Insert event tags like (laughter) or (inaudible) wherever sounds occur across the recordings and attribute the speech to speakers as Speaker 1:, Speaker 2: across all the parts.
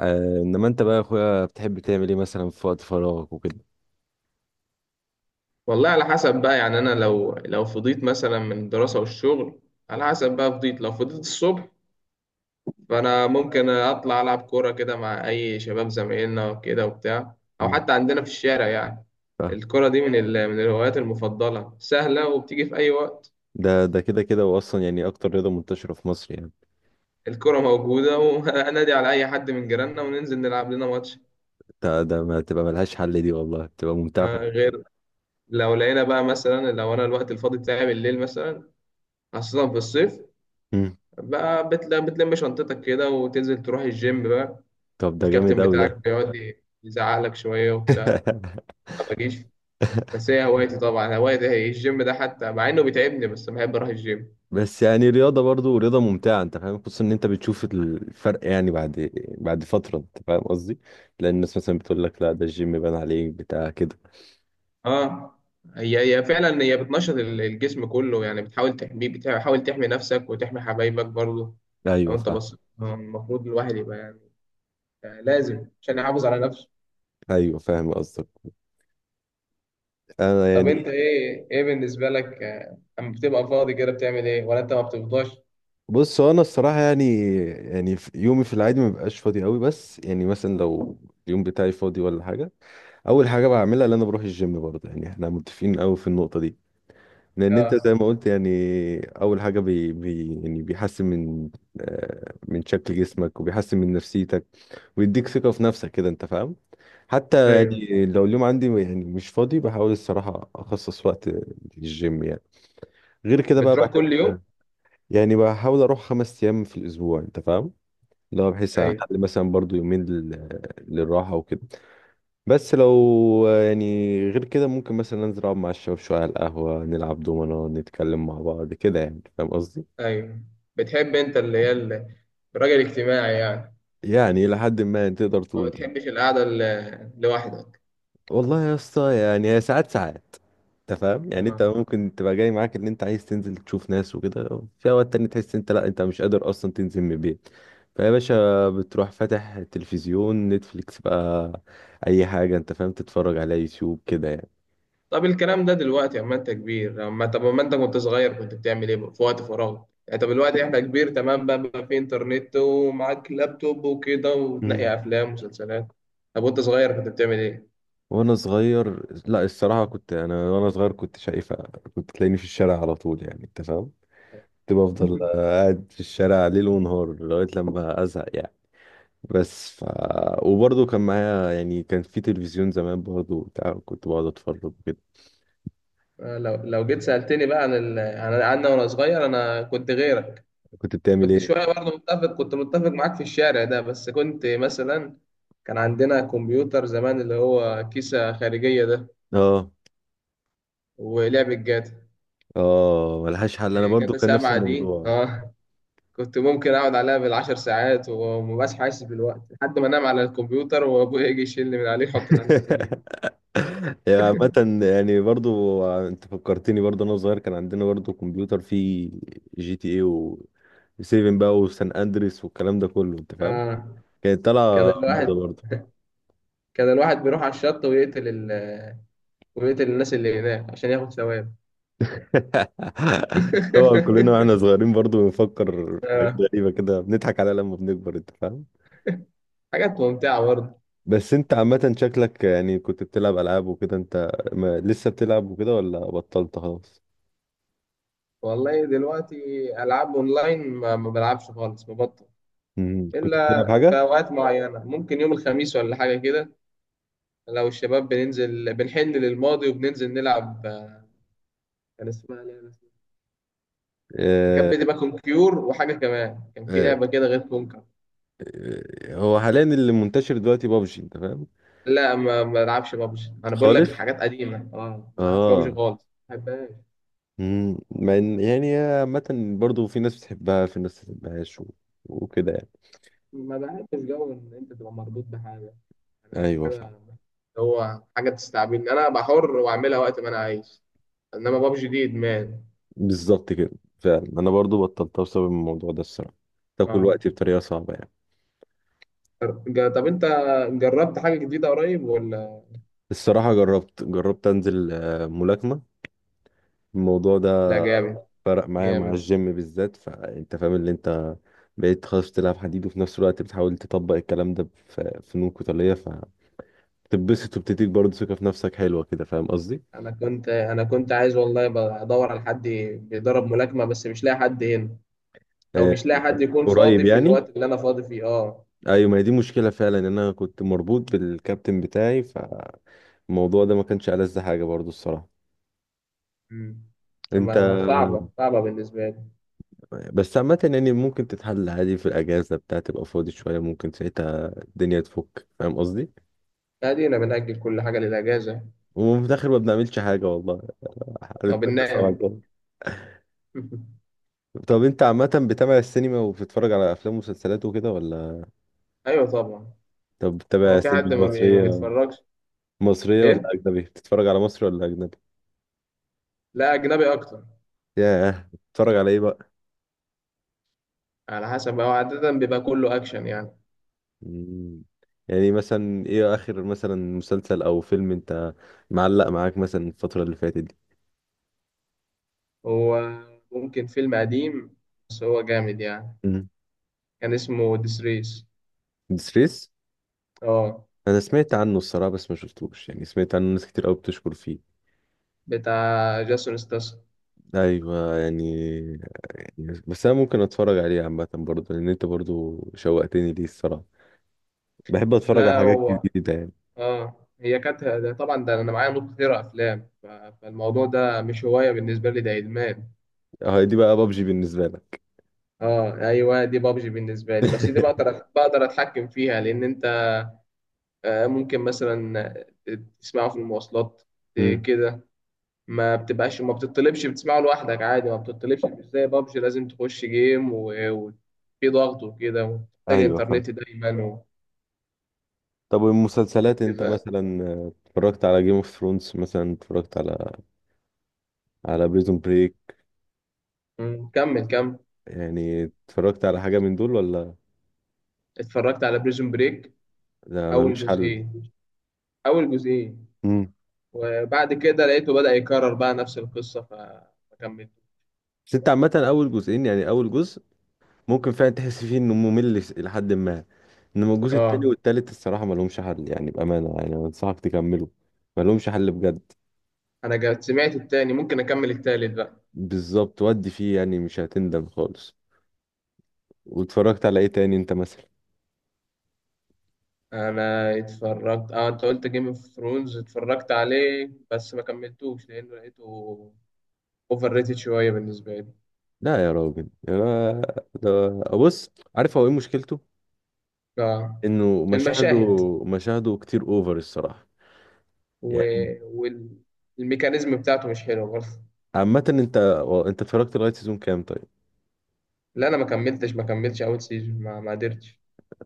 Speaker 1: انما انت بقى يا اخويا بتحب تعمل ايه مثلا في وقت فراغك وكده.
Speaker 2: والله، على حسب بقى يعني انا لو فضيت مثلا من الدراسه والشغل، على حسب بقى فضيت لو فضيت الصبح، فانا ممكن اطلع العب كوره كده مع اي شباب زمايلنا كده وبتاع، او
Speaker 1: مم.
Speaker 2: حتى عندنا في الشارع يعني.
Speaker 1: فاهم.
Speaker 2: الكوره دي من الهوايات المفضله، سهله وبتيجي في اي وقت.
Speaker 1: ده كده كده واصلا يعني اكتر رياضه منتشره في مصر يعني.
Speaker 2: الكوره موجوده وانادي (laughs) على اي حد من جيراننا وننزل نلعب لنا ماتش.
Speaker 1: ده ما تبقى ملهاش حل دي، والله بتبقى ممتعه.
Speaker 2: غير لو لقينا بقى مثلا، لو انا الوقت الفاضي بتاعي بالليل مثلا، خاصه في الصيف،
Speaker 1: مم.
Speaker 2: بقى بتلم شنطتك كده وتنزل تروح الجيم بقى.
Speaker 1: طب ده جامد
Speaker 2: الكابتن
Speaker 1: قوي
Speaker 2: بتاعك
Speaker 1: ده.
Speaker 2: بيقعد يزعقلك شوية وبتاع. ما بجيش.
Speaker 1: (laughs)
Speaker 2: بس هي هوايتي، طبعا هوايتي هي الجيم ده، حتى مع إنه بيتعبني بس بحب أروح الجيم.
Speaker 1: بس يعني رياضة، برضو رياضة ممتعة، انت فاهم، خصوصا ان انت بتشوف الفرق يعني بعد فترة، انت فاهم قصدي. لان الناس مثلا بتقول لك لا ده الجيم بان عليك، بتاع كده.
Speaker 2: اه. هي فعلا، هي بتنشط الجسم كله يعني، بتحاول تحميه، بتحاول تحمي نفسك وتحمي حبايبك برضه. لو
Speaker 1: ايوه
Speaker 2: أنت
Speaker 1: فاهم.
Speaker 2: بصيت، المفروض الواحد يبقى يعني، لازم عشان يحافظ على نفسه.
Speaker 1: ايوه فاهم قصدك. انا
Speaker 2: طب أنت،
Speaker 1: يعني.
Speaker 2: إيه بالنسبة لك، أما بتبقى فاضي كده بتعمل إيه، ولا أنت ما بتفضاش؟
Speaker 1: بص، هو انا الصراحة يعني، يعني يومي في العادي ما بيبقاش فاضي قوي، بس يعني مثلا لو اليوم بتاعي فاضي ولا حاجة، اول حاجة بعملها ان انا بروح الجيم برضه. يعني احنا متفقين قوي في النقطة دي، لان انت زي
Speaker 2: اه.
Speaker 1: ما قلت يعني، اول حاجه بي بي يعني بيحسن من، من شكل جسمك، وبيحسن من نفسيتك، ويديك ثقه في نفسك كده، انت فاهم. حتى
Speaker 2: ايوه،
Speaker 1: يعني لو اليوم عندي يعني مش فاضي، بحاول الصراحه اخصص وقت للجيم يعني. غير كده بقى
Speaker 2: بتروح
Speaker 1: بحب،
Speaker 2: كل يوم؟
Speaker 1: يعني بحاول اروح 5 ايام في الاسبوع، انت فاهم، لو بحيث
Speaker 2: ايوه
Speaker 1: اخلي مثلا برضو يومين للراحه وكده. بس لو يعني غير كده ممكن مثلا انزل اقعد مع الشباب شويه على القهوه، نلعب دومنا، نتكلم مع بعض كده، يعني فاهم قصدي.
Speaker 2: ايوه. بتحب انت اللي هي الراجل الاجتماعي يعني.
Speaker 1: يعني لحد ما، يعني تقدر
Speaker 2: ما
Speaker 1: تقول كده.
Speaker 2: بتحبش القعده لوحدك؟
Speaker 1: والله يا اسطى يعني هي ساعات ساعات، انت فاهم، يعني انت
Speaker 2: اه.
Speaker 1: ممكن تبقى جاي معاك ان انت عايز تنزل تشوف ناس وكده، في اوقات تاني تحس انت لا، انت مش قادر اصلا تنزل من البيت. فيا باشا بتروح فاتح تلفزيون نتفليكس بقى، اي حاجه، انت فاهم، تتفرج على يوتيوب كده.
Speaker 2: طب الكلام ده دلوقتي اما انت كبير، لما، طب اما انت كنت صغير كنت بتعمل ايه في وقت فراغ؟ يعني طب دلوقتي احنا كبير تمام، بقى في انترنت ومعاك لابتوب وكده،
Speaker 1: يعني
Speaker 2: وتنقي افلام ومسلسلات. طب وانت صغير كنت بتعمل ايه؟
Speaker 1: وانا صغير، لا الصراحه كنت، انا وانا صغير كنت شايفه كنت تلاقيني في الشارع على طول، يعني انت فاهم، كنت بفضل
Speaker 2: (laughs)
Speaker 1: قاعد في الشارع ليل ونهار لغايه لما ازهق يعني. بس وبرضه كان معايا يعني، كان في تلفزيون زمان برضه بتاع، كنت بقعد اتفرج كده.
Speaker 2: لو جيت سألتني بقى عن انا وانا صغير، انا كنت غيرك.
Speaker 1: كنت بتعمل
Speaker 2: كنت
Speaker 1: ايه؟
Speaker 2: شوية برضه متفق، كنت متفق معاك في الشارع ده، بس كنت مثلا، كان عندنا كمبيوتر زمان اللي هو كيسة خارجية ده،
Speaker 1: (laughs) اه.
Speaker 2: ولعبة جاتا،
Speaker 1: اه ملهاش حل، انا برضه
Speaker 2: جاتا
Speaker 1: كان نفس
Speaker 2: 7 دي،
Speaker 1: الموضوع.
Speaker 2: اه. كنت ممكن اقعد عليها بالعشر ساعات، ومبقاش حاسس بالوقت لحد ما انام على الكمبيوتر، وابويا يجي يشيلني من عليه يحطني على السرير.
Speaker 1: (laughs) (laughs) يعني عامة يعني برضو انت فكرتني، برضو انا صغير كان عندنا برضو كمبيوتر فيه جي تي اي و 7 بقى وسان اندريس والكلام ده كله، انت فاهم،
Speaker 2: اه.
Speaker 1: كانت
Speaker 2: كان
Speaker 1: طالعة موضة
Speaker 2: الواحد
Speaker 1: برضو.
Speaker 2: كان الواحد بيروح على الشط ويقتل ويقتل الناس اللي هناك عشان ياخد ثواب.
Speaker 1: (laughs) طبعا كلنا
Speaker 2: (laughs)
Speaker 1: واحنا صغيرين برضو بنفكر في حاجات
Speaker 2: آه.
Speaker 1: غريبة كده بنضحك عليها لما بنكبر، انت فاهم.
Speaker 2: حاجات ممتعة برضه.
Speaker 1: بس انت عامة شكلك يعني كنت بتلعب العاب وكده، انت ما لسه بتلعب وكده ولا بطلت خلاص؟
Speaker 2: والله دلوقتي، ألعاب أونلاين ما بلعبش خالص، مبطل.
Speaker 1: مم. كنت
Speaker 2: إلا
Speaker 1: بتلعب
Speaker 2: في
Speaker 1: حاجة؟
Speaker 2: أوقات معينة، ممكن يوم الخميس ولا حاجة كده، لو الشباب بننزل بنحن للماضي، وبننزل نلعب، كان اسمها لعبة، كانت
Speaker 1: آه،
Speaker 2: بتبقى كونكيور، وحاجة كمان كان في
Speaker 1: آه.
Speaker 2: لعبة كده غير كونكر.
Speaker 1: هو حاليا اللي منتشر دلوقتي بابجي، انت فاهم.
Speaker 2: لا، ما بلعبش بابجي، أنا بقول لك
Speaker 1: خالص.
Speaker 2: حاجات قديمة، اه ما بلعبش بابجي
Speaker 1: اه.
Speaker 2: خالص، ما بحبهاش.
Speaker 1: مم. مع ان يعني عامة برضه في ناس بتحبها، في ناس ما بتحبهاش، وكده يعني.
Speaker 2: ما بحبش جو إن أنت تبقى مربوط بحاجة، أنا ما فيش
Speaker 1: ايوه فاهم.
Speaker 2: حاجة هو حاجة تستعبدني، أنا بحر وأعملها وقت ما أنا عايز، انما بابجي دي ادمان.
Speaker 1: بالظبط كده. فعلا انا برضه بطلتها بسبب الموضوع ده الصراحة، تاكل
Speaker 2: اه.
Speaker 1: وقتي بطريقة صعبة يعني.
Speaker 2: طب انت جربت حاجه جديده قريب ولا؟
Speaker 1: الصراحة جربت انزل ملاكمة، الموضوع
Speaker 2: لا،
Speaker 1: ده
Speaker 2: جامد.
Speaker 1: فرق معايا مع
Speaker 2: جامد.
Speaker 1: الجيم بالذات، فانت فاهم اللي انت بقيت خلاص بتلعب حديد وفي نفس الوقت بتحاول تطبق الكلام ده في فنون قتالية، تتبسط، وبتديك برضه ثقة في نفسك حلوة كده، فاهم قصدي؟
Speaker 2: انا كنت عايز والله، بدور على حد بيدرب ملاكمه، بس مش لاقي حد هنا، او
Speaker 1: آه
Speaker 2: مش لاقي حد يكون
Speaker 1: قريب
Speaker 2: فاضي في
Speaker 1: يعني.
Speaker 2: الوقت اللي انا فاضي فيه، اه.
Speaker 1: ايوه، ما هي دي مشكلة فعلا، ان انا كنت مربوط بالكابتن بتاعي، فالموضوع ده ما كانش ألذ حاجة برضه الصراحة.
Speaker 2: امم
Speaker 1: انت،
Speaker 2: اما صعبه صعبه بالنسبه لي.
Speaker 1: بس عامة يعني ممكن تتحل عادي في الأجازة بتاع، تبقى فاضي شوية، ممكن ساعتها الدنيا تفك، فاهم قصدي؟
Speaker 2: ادينا بنأجل كل حاجه للاجازه،
Speaker 1: وفي الآخر ما بنعملش حاجة والله، حالة
Speaker 2: او
Speaker 1: ما تسمع
Speaker 2: بننام.
Speaker 1: الجو.
Speaker 2: (laughs)
Speaker 1: طب انت عامة بتابع السينما وبتتفرج على أفلام ومسلسلات وكده ولا؟
Speaker 2: ايوه طبعا.
Speaker 1: طب
Speaker 2: هو
Speaker 1: بتتابع
Speaker 2: في
Speaker 1: سينما
Speaker 2: حد ما
Speaker 1: مصرية؟
Speaker 2: بيتفرجش؟
Speaker 1: مصرية ولا
Speaker 2: ايه.
Speaker 1: أجنبي؟ بتتفرج على مصري ولا أجنبي؟
Speaker 2: لا، اجنبي اكتر.
Speaker 1: ياه، بتتفرج على ايه بقى؟
Speaker 2: على حسب، هو عاده بيبقى كله اكشن يعني.
Speaker 1: مم. يعني مثلا ايه اخر مثلا مسلسل او فيلم انت معلق معاك مثلا الفترة اللي فاتت دي؟
Speaker 2: هو، ممكن فيلم قديم بس هو جامد يعني.
Speaker 1: مم.
Speaker 2: كان اسمه ديسريس.
Speaker 1: ديسريس؟
Speaker 2: اه.
Speaker 1: انا سمعت عنه الصراحة بس ما شفتوش، يعني سمعت عنه ناس كتير قوي بتشكر فيه.
Speaker 2: بتاع جاسون ستاس.
Speaker 1: ايوه يعني. يعني بس انا ممكن اتفرج عليه عامة، برضه لان انت برضه شوقتني ليه الصراحة، بحب اتفرج على
Speaker 2: لا
Speaker 1: حاجات
Speaker 2: هو،
Speaker 1: جديدة يعني.
Speaker 2: اه هي كانت ده، طبعا ده انا معايا نوت كتير افلام، فالموضوع ده مش هوايه بالنسبه لي، ده ادمان.
Speaker 1: اه دي بقى بابجي بالنسبة لك.
Speaker 2: اه ايوه، دي بابجي بالنسبه لي، بس دي
Speaker 1: (laughs)
Speaker 2: بقدر اتحكم فيها، لان انت ممكن مثلا، آه، تسمعه في المواصلات،
Speaker 1: مم.
Speaker 2: كده. ما بتبقاش، ما بتطلبش، بتسمعه لوحدك عادي، ما بتطلبش، مش زي بابجي لازم تخش جيم وفي ضغط وكده، ومحتاج
Speaker 1: ايوه فاهم.
Speaker 2: انترنت دايما
Speaker 1: طب والمسلسلات، انت
Speaker 2: وكده.
Speaker 1: مثلا اتفرجت على جيم اوف ثرونز مثلا، اتفرجت على على بريزون بريك،
Speaker 2: مم، كمل كمل.
Speaker 1: يعني اتفرجت على حاجة من دول ولا؟
Speaker 2: اتفرجت على بريزون بريك،
Speaker 1: ده
Speaker 2: اول
Speaker 1: ملوش حل.
Speaker 2: جزئين اول جزئين
Speaker 1: امم
Speaker 2: وبعد كده لقيته بدأ يكرر بقى نفس القصة، فما كملت.
Speaker 1: بس انت عامة اول جزئين، يعني اول جزء ممكن فعلا تحس فيه انه ممل، لحد ما انما الجزء التاني
Speaker 2: اه
Speaker 1: والتالت الصراحة ملهمش حل يعني، بأمانة يعني انا انصحك تكمله، ملهمش حل بجد.
Speaker 2: انا سمعت التاني، ممكن اكمل التالت بقى.
Speaker 1: بالظبط، ودي فيه يعني مش هتندم خالص. واتفرجت على ايه تاني انت مثلا؟
Speaker 2: انا اتفرجت، اه، انت قلت جيم اوف ثرونز، اتفرجت عليه بس ما كملتوش لانه لقيته اوفر ريتد شويه بالنسبه لي.
Speaker 1: لا يا راجل، ده، بص، عارف هو ايه مشكلته؟
Speaker 2: اه.
Speaker 1: انه مشاهده،
Speaker 2: المشاهد
Speaker 1: مشاهده كتير اوفر الصراحه، يعني.
Speaker 2: و... والميكانيزم بتاعته مش حلو برضه.
Speaker 1: عامه انت اتفرجت لغايه سيزون كام طيب؟
Speaker 2: لا انا ما كملتش اول سيزون، ما قدرتش.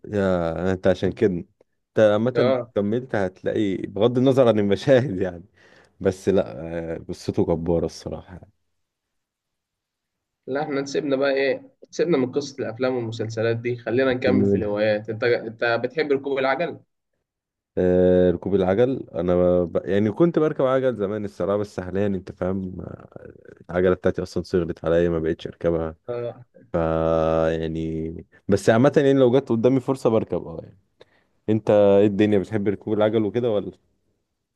Speaker 1: يا انت عشان كده انت عامه لو
Speaker 2: اه.
Speaker 1: كملت هتلاقي بغض النظر عن المشاهد يعني، بس لا، قصته جباره الصراحه.
Speaker 2: لا احنا نسيبنا بقى ايه، سيبنا من قصة الافلام والمسلسلات دي، خلينا
Speaker 1: سيبنا
Speaker 2: نكمل في
Speaker 1: منها.
Speaker 2: الهوايات. انت بتحب ركوب العجل؟
Speaker 1: ركوب العجل، انا يعني كنت بركب عجل زمان الصراحه، بس حاليا انت فاهم العجله بتاعتي اصلا صغرت عليا، ما بقتش اركبها.
Speaker 2: اه
Speaker 1: ف يعني، بس عامه يعني لو جت قدامي فرصه بركب، اه يعني. انت ايه الدنيا بتحب ركوب العجل وكده ولا؟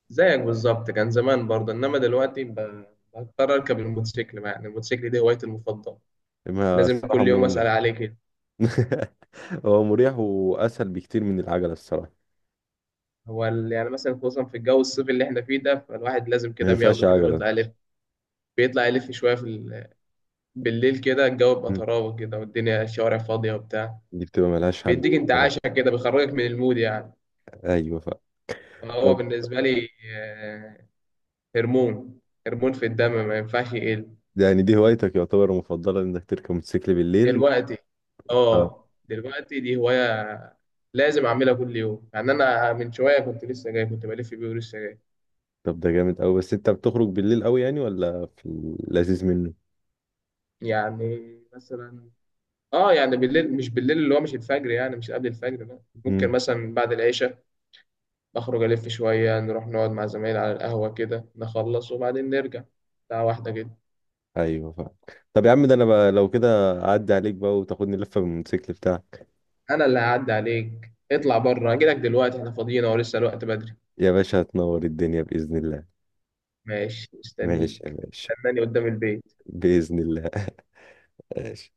Speaker 2: زيك بالظبط، كان زمان برضه، انما دلوقتي بضطر اركب الموتوسيكل بقى. يعني الموتوسيكل دي هوايتي المفضلة،
Speaker 1: ما
Speaker 2: لازم
Speaker 1: الصراحة
Speaker 2: كل يوم اسأل
Speaker 1: مريح.
Speaker 2: عليه كده.
Speaker 1: (laughs) هو مريح واسهل بكتير من العجلة الصراحة.
Speaker 2: هو يعني مثلا، خصوصا في الجو الصيفي اللي احنا فيه ده، فالواحد لازم
Speaker 1: ما
Speaker 2: كده
Speaker 1: ينفعش
Speaker 2: بياخده كده
Speaker 1: عجلة،
Speaker 2: ويطلع يلف، بيطلع يلف شويه في بالليل كده، الجو بيبقى طراوة كده، والدنيا الشوارع فاضية وبتاع،
Speaker 1: دي بتبقى ملهاش حل
Speaker 2: بيديك
Speaker 1: الصراحة.
Speaker 2: انتعاشة كده، بيخرجك من المود يعني.
Speaker 1: ايوه.
Speaker 2: هو
Speaker 1: طب
Speaker 2: بالنسبة لي، آه، هرمون هرمون في الدم ما ينفعش يقل
Speaker 1: يعني دي هوايتك يعتبر المفضلة، انك تركب موتوسيكل بالليل.
Speaker 2: دلوقتي.
Speaker 1: اه.
Speaker 2: اه دلوقتي دي هواية، لازم أعملها كل يوم، يعني أنا من شوية كنت لسه جاي كنت بلف بيه ولسه جاي.
Speaker 1: طب ده جامد قوي، بس انت بتخرج بالليل قوي يعني ولا في اللذيذ منه؟
Speaker 2: يعني مثلا، اه يعني بالليل، مش بالليل اللي هو مش الفجر، يعني مش قبل الفجر لا، ممكن
Speaker 1: مم.
Speaker 2: مثلا بعد العشاء نخرج ألف شوية، نروح نقعد مع زمايلي على القهوة كده، نخلص وبعدين نرجع، ساعة واحدة كده.
Speaker 1: ايوه فاهم. طب يا عم ده انا بقى لو كده اعدي عليك بقى وتاخدني لفة بالموتوسيكل بتاعك.
Speaker 2: أنا اللي هعدي عليك، اطلع بره أجيلك دلوقتي، احنا فاضيين أهو لسه الوقت بدري.
Speaker 1: يا باشا هتنور الدنيا بإذن الله.
Speaker 2: ماشي،
Speaker 1: ماشي يا
Speaker 2: مستنيك.
Speaker 1: باشا.
Speaker 2: استناني قدام البيت.
Speaker 1: بإذن الله. ماشي.